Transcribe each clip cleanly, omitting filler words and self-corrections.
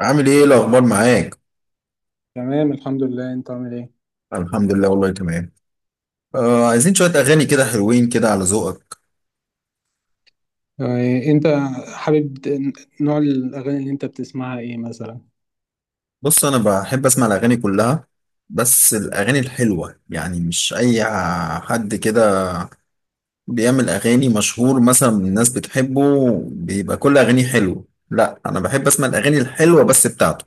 عامل ايه الاخبار معاك؟ تمام، الحمد لله. انت عامل ايه؟ الحمد لله، والله تمام. آه، عايزين شويه اغاني كده، حلوين كده على ذوقك. يعني انت حابب نوع الاغاني اللي انت بتسمعها ايه مثلا؟ بص، انا بحب اسمع الاغاني كلها، بس الاغاني الحلوه، يعني مش اي حد كده بيعمل اغاني مشهور مثلا الناس بتحبه بيبقى كل اغانيه حلوه. لا، انا بحب اسمع الاغاني الحلوه بس بتاعته.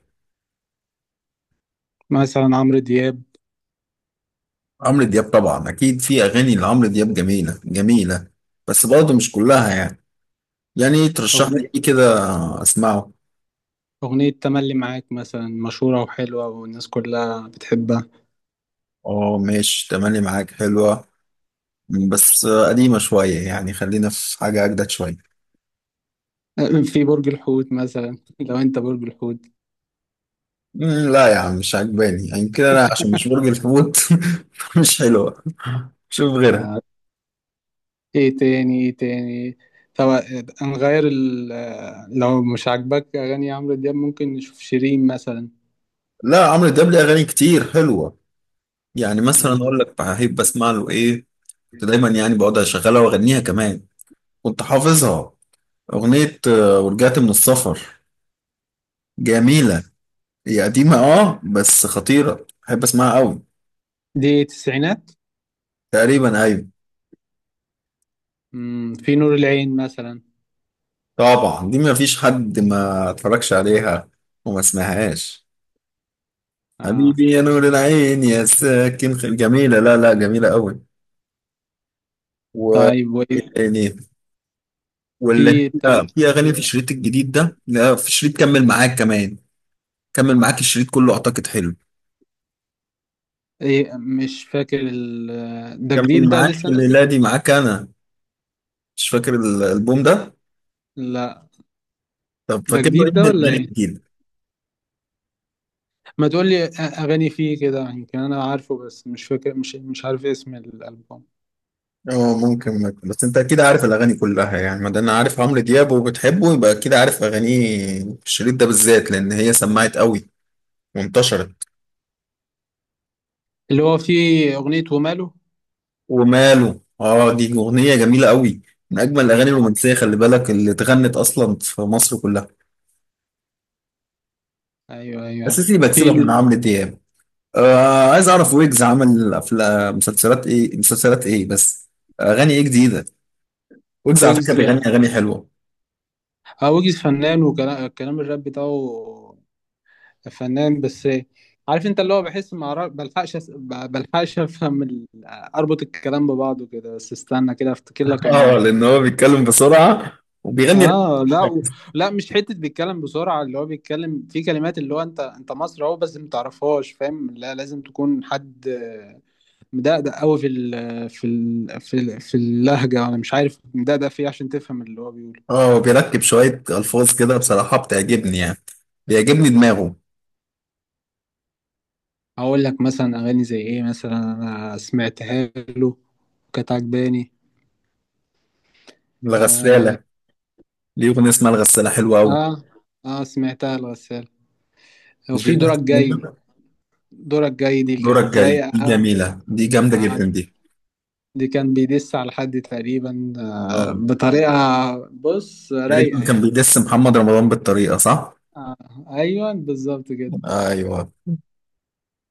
مثلا عمرو دياب. عمرو دياب طبعا اكيد في اغاني لعمرو دياب جميله جميله، بس برضه مش كلها يعني ترشح اغنية لي ايه كده اسمعه. اغنية تملي معاك مثلا، مشهورة وحلوة والناس كلها بتحبها. اه، ماشي، تملي معاك حلوه، بس قديمة شوية، يعني خلينا في حاجة أجدد شوية. آه، في برج الحوت مثلا لو انت برج الحوت. لا يا عم، مش عجباني يعني كده أنا، عشان مش برج الحوت. مش حلوة، شوف غيرها. آه، ايه تاني؟ ايه تاني؟ طب نغير لو مش عاجبك اغاني عمرو دياب ممكن نشوف شيرين مثلا. لا، عمرو دياب ليه أغاني كتير حلوة. يعني مثلا آه، أقول لك بحب أسمع له إيه. كنت دايما يعني بقعد أشغلها وأغنيها كمان، كنت حافظها. أغنية ورجعت من السفر، جميلة. هي قديمة أه، بس خطيرة، بحب أسمعها أوي. دي تسعينات. تقريبا أيوة. في نور العين مثلا. طبعا دي ما فيش حد ما اتفرجش عليها وما سمعهاش. آه. حبيبي يا نور العين، يا ساكن جميلة، لا لا جميلة قوي. و طيب، إيه تاني؟ واللي في هي بتاعت في أغاني في الشريط الجديد ده، لا في شريط كمل معاك كمان. كمل معاك، الشريط كله أعتقد حلو. ايه؟ مش فاكر ده كمل جديد، ده معاك، لسه الليلة نازل. دي معاك أنا. مش فاكر الألبوم ده. لا، طب ده فاكر له جديد إيه ده من ولا الأغاني ايه؟ كتير؟ ما تقول لي اغاني فيه كده يمكن انا عارفه، بس مش فاكر، مش عارف اسم الالبوم اه، ممكن. بس انت اكيد عارف الاغاني كلها يعني، ما دام عارف عمرو دياب وبتحبه يبقى اكيد عارف اغانيه. في الشريط ده بالذات، لان هي سمعت قوي وانتشرت. اللي هو فيه اغنية وماله. وماله، اه دي اغنيه جميله قوي، من اجمل الاغاني اه، الرومانسيه، خلي بالك، اللي اتغنت اصلا في مصر كلها. ايوه ايوه. اساسي في بكسبك من عمرو دياب. آه، عايز اعرف ويجز عمل افلام، مسلسلات ايه؟ بس اغاني ايه جديده؟ ويجز على فكره ويجز. بيغني اغاني حلوه. اه، ويجز فنان وكلام الكلام الراب بتاعه فنان، بس عارف انت اللي هو؟ بحس ما أعرف- بلحقش أس- ب- بلحقش افهم اربط الكلام ببعضه كده، بس استنى كده افتكر لك اه، انا. لان هو بيتكلم بسرعه وبيغني. اه، لا، مش حته بيتكلم بسرعه، اللي هو بيتكلم في كلمات اللي هو، انت مصري اهو بس ما تعرفهاش، فاهم؟ لا، لازم تكون حد مدقدق قوي في اللهجه، انا مش عارف مدقدق في إيه، عشان تفهم اللي هو بيقوله. اه، وبيركب شويه الفاظ كده بصراحه بتعجبني يعني، بيعجبني دماغه. هقول لك مثلا اغاني زي ايه مثلا انا سمعتها له، كانت عجباني. اه. الغساله، ليه اغنيه اسمها الغساله حلوه قوي. اه. آه، سمعتها الغسالة. مش دي وفي دورك بتاعت جاي. منة؟ دورك جاي دي دورك كانت جاي رايقه، دي اه. جميلة، دي جامدة آه، جدا دي. دي كان بيدس على حد تقريبا اه، بطريقة. بص، تقريبا رايقة كان يعني. بيدس محمد رمضان بالطريقة، صح؟ آه، أيوة بالظبط كده. ايوه.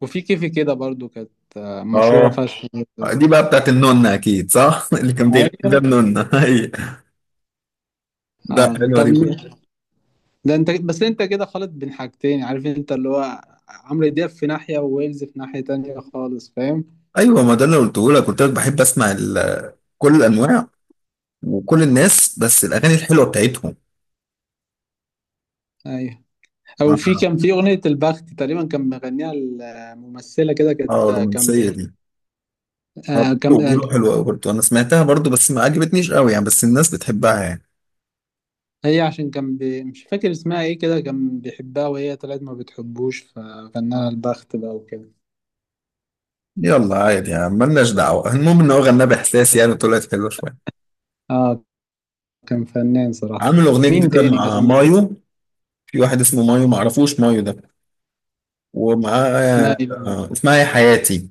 وفي كيفي كده برضو كانت مشهورة اه، فشخ برضو. دي بقى بتاعت النونة، اكيد صح؟ اللي كان بيغني ده أيوة. النونة. أيوة. لا آه. حلوة طب، دي. ده أنت، بس أنت كده خالط بين حاجتين. عارف أنت اللي هو عمرو دياب في ناحية وويلز في ناحية تانية خالص، فاهم؟ ايوه، ما ده اللي قلته لك، قلت لك بحب اسمع كل الانواع وكل الناس، بس الاغاني الحلوة بتاعتهم. أيوة. أو في، اه، كان في أغنية البخت تقريبا كان مغنيها الممثلة كده، كانت آه، كان الرومانسية ب- دي. اه، آه، كان بيقولوا آه، بيقولوا حلوة قوي برضه، انا سمعتها برضه بس ما عجبتنيش قوي يعني، بس الناس بتحبها يعني. هي عشان كان مش فاكر اسمها ايه كده، كان بيحبها وهي طلعت ما بتحبوش، ففنها البخت بقى وكده. يلا عادي يعني، ملناش دعوة، المهم ان هو غناه باحساس، يعني طلعت حلوة شوية. اه، كان فنان صراحة. عامل اغنيه مين جديده تاني مع مثلا مايو. في واحد اسمه مايو، معرفوش مايو ده. اسمها ومعاه ايه بقى؟ اسمها يا حياتي.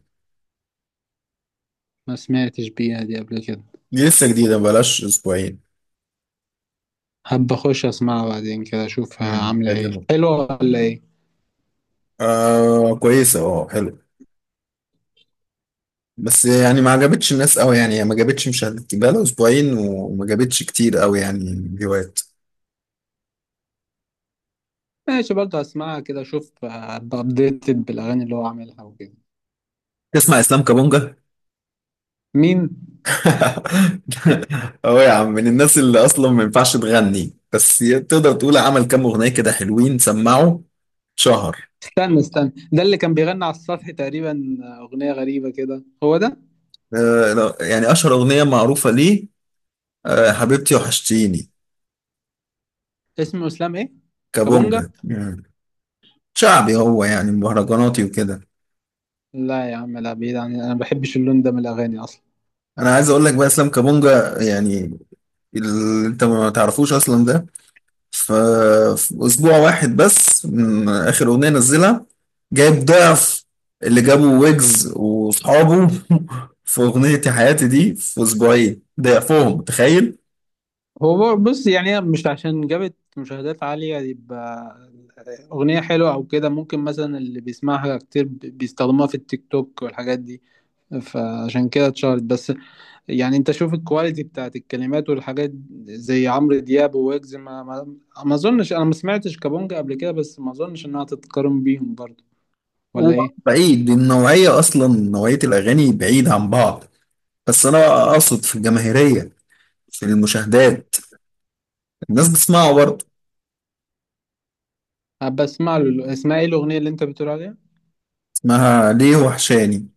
ما سمعتش بيها دي قبل كده. دي لسه جديده، بلاش اسبوعين. حابة اخش اسمعها بعدين كده، اشوفها عاملة ايه، تعجبك. حلوة ولا ايه. آه كويسه، اه حلو، بس يعني ما عجبتش الناس قوي يعني، هي ما جابتش مشاهدات، بقى لها اسبوعين وما جابتش كتير قوي يعني فيوهات. ماشي، برضه اسمعها كده، اشوف ابقى ابديتد بالاغاني اللي هو عاملها وكده. تسمع اسلام كابونجا؟ مين؟ اه يا عم، من الناس اللي اصلا ما ينفعش تغني. بس تقدر تقول عمل كام اغنيه كده حلوين، سمعوا شهر. استنى استنى، ده اللي كان بيغني على السطح تقريبا، اغنية غريبة كده، هو ده؟ لا، يعني أشهر أغنية معروفة ليه، حبيبتي وحشتيني. اسمه اسلام ايه؟ كابونجا. كابونجا. مم. شعبي هو يعني، مهرجاناتي وكده. لا يا عم، لا، بعيد عن، انا ما بحبش اللون ده من الاغاني اصلا. أنا عايز أقول لك بقى إسلام كابونجا، يعني اللي أنت ما تعرفوش أصلا ده، ف- في أسبوع واحد بس من آخر أغنية نزلها جايب ضعف اللي جابه ويجز وأصحابه في أغنية يا حياتي دي في أسبوعين، ضعفهم، تخيل. بص، يعني هي مش عشان جابت مشاهدات عالية يبقى أغنية حلوة أو كده، ممكن مثلا اللي بيسمعها كتير بيستخدموها في التيك توك والحاجات دي، فعشان كده اتشهرت بس. يعني أنت شوف الكواليتي بتاعت الكلمات والحاجات زي عمرو دياب وويجز، ما أظنش، أنا ما سمعتش كابونجا قبل كده، بس ما أظنش إنها تتقارن بيهم برضه، هو ولا إيه؟ بعيد النوعية أصلا، نوعية الأغاني بعيد عن بعض، بس انا بقى اقصد في الجماهيريه، في المشاهدات، الناس بتسمعه برضه. أبقى أسمع له. اسمها إيه الأغنية اللي أنت بتقول عليها؟ اسمها ليه وحشاني،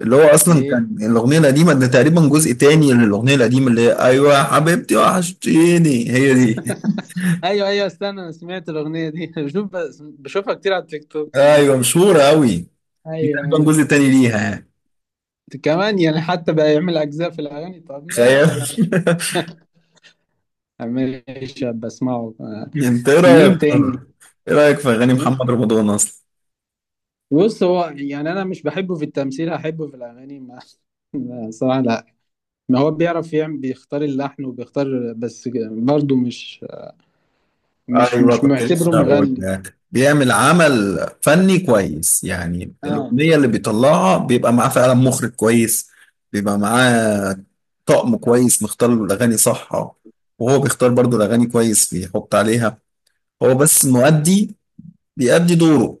اللي هو اصلا ليه؟ كان الاغنيه القديمه ده تقريبا جزء تاني للاغنيه القديمه، اللي هي ايوه يا حبيبتي وحشتيني، هي دي. ايوه ايوه، استنى، انا سمعت الاغنيه دي بشوفها كتير على التيك توك الناس ايوه، بي. مشهوره قوي، دي ايوه تقريبا ايوه. جزء تاني ليها يعني، كمان يعني حتى بقى يعمل اجزاء في الاغاني، طب تخيل. ماشي يعني. ماشي بسمعه انت ايه مين رايك؟ تاني؟ ايه رايك في اغاني محمد رمضان اصلا؟ بص، هو يعني انا مش بحبه في التمثيل، هحبه في الاغاني؟ ما صراحه لا. ما هو بيعرف يعمل، بيختار اللحن وبيختار، بس برضه مش مش ايوه، مش كنت لسه معتبره اقول مغني. لك بيعمل عمل فني كويس، يعني اه، الاغنيه اللي بيطلعها بيبقى معاه فعلا مخرج كويس، بيبقى معاه طقم كويس مختار له الاغاني، صح؟ وهو بيختار برضو الاغاني كويس بيحط عليها، هو بس مؤدي، بيأدي دوره.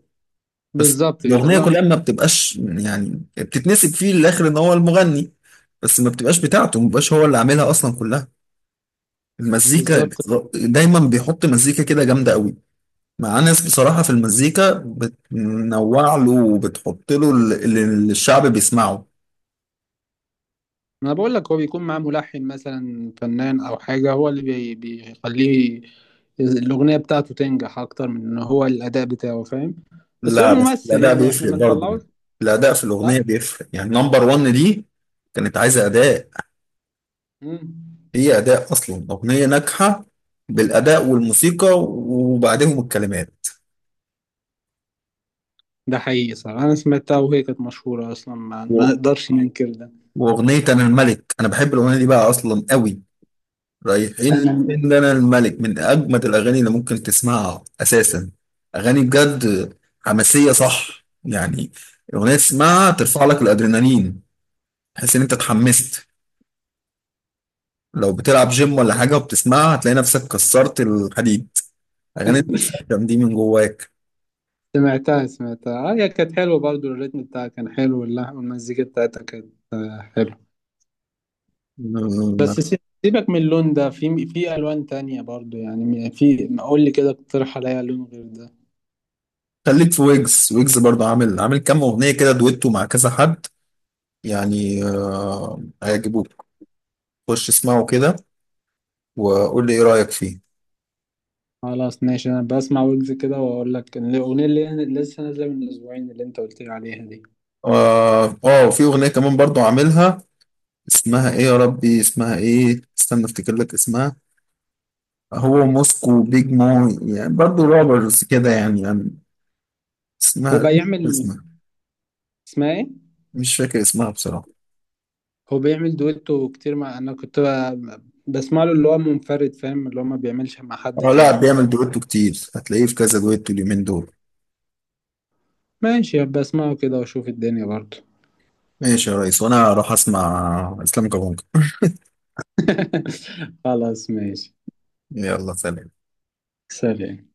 بس بالظبط كده. الاغنيه لا، كلها ما بتبقاش يعني بتتنسب فيه للاخر ان هو المغني، بس ما بتبقاش بتاعته، ما بيبقاش هو اللي عاملها اصلا كلها، المزيكا. بالظبط. دايما بيحط مزيكا كده جامده قوي، مع ناس بصراحة في المزيكا بتنوع له وبتحط له اللي الشعب بيسمعه. انا بقول لك هو بيكون معاه ملحن مثلا فنان او حاجه، هو اللي بيخليه الاغنيه بتاعته تنجح اكتر من ان هو الاداء بتاعه، فاهم؟ بس هو لا بس ممثل الأداء يعني، احنا بيفرق ما برضه، نطلعوش. الأداء في لا. الأغنية بيفرق، يعني نمبر ون دي كانت عايزة أداء، مم. هي أداء أصلا. أغنية ناجحة بالأداء والموسيقى وبعدهم الكلمات. ده حقيقي صح، انا سمعتها وهي كانت مشهوره اصلا، ما و- نقدرش ننكر ده. وأغنية أنا الملك، أنا بحب الأغنية دي بقى أصلا قوي. رايحين انا فين؟ ده انا الملك من اجمد الاغاني اللي ممكن تسمعها اساسا، اغاني بجد حماسيه، صح يعني، اغنيه تسمعها ترفع لك الادرينالين، تحس ان انت اتحمست، لو بتلعب جيم ولا حاجه وبتسمعها هتلاقي نفسك كسرت الحديد، اغاني بتتكلم دي من جواك. سمعتها آه، هي كانت حلوه برضو، الريتم بتاعها كان حلو، واللحن والمزيكا بتاعتها كانت حلوه. أمم، بس سيبك من اللون ده، في الوان تانية برضو يعني، في قول لي كده، اقترح عليا لون غير ده. خليك في ويجز، ويجز برضه عامل كام اغنيه كده دويتو مع كذا حد، يعني هيعجبوك. خش اسمعه كده وقول لي ايه رايك فيه. خلاص ماشي، انا بسمع ويجز كده واقول لك إن الاغنيه اللي لسه نازله من اسبوعين اللي انت قلت لي عليها دي. اه، في اغنيه كمان برضو عاملها، اسمها ايه يا ربي؟ اسمها ايه؟ استنى افتكر لك اسمها. هو موسكو بيج مو يعني، برضو روبرز كده، يعني هو اسمها، بيعمل اسمها، اسمها ايه؟ مش فاكر اسمها بصراحه. هو بيعمل دويتو كتير مع، انا كنت بسمع له اللي هو منفرد، فاهم؟ اللي هو ما بيعملش مع حد اه لا، تاني بيعمل دويتو كتير، هتلاقيه في كذا دويتو اليومين دول. ماشي بسمعه كده واشوف الدنيا برضه. ماشي يا ريس، وانا هروح اسمع اسلام كابونجا. خلاص ماشي. يلا سلام. سلام.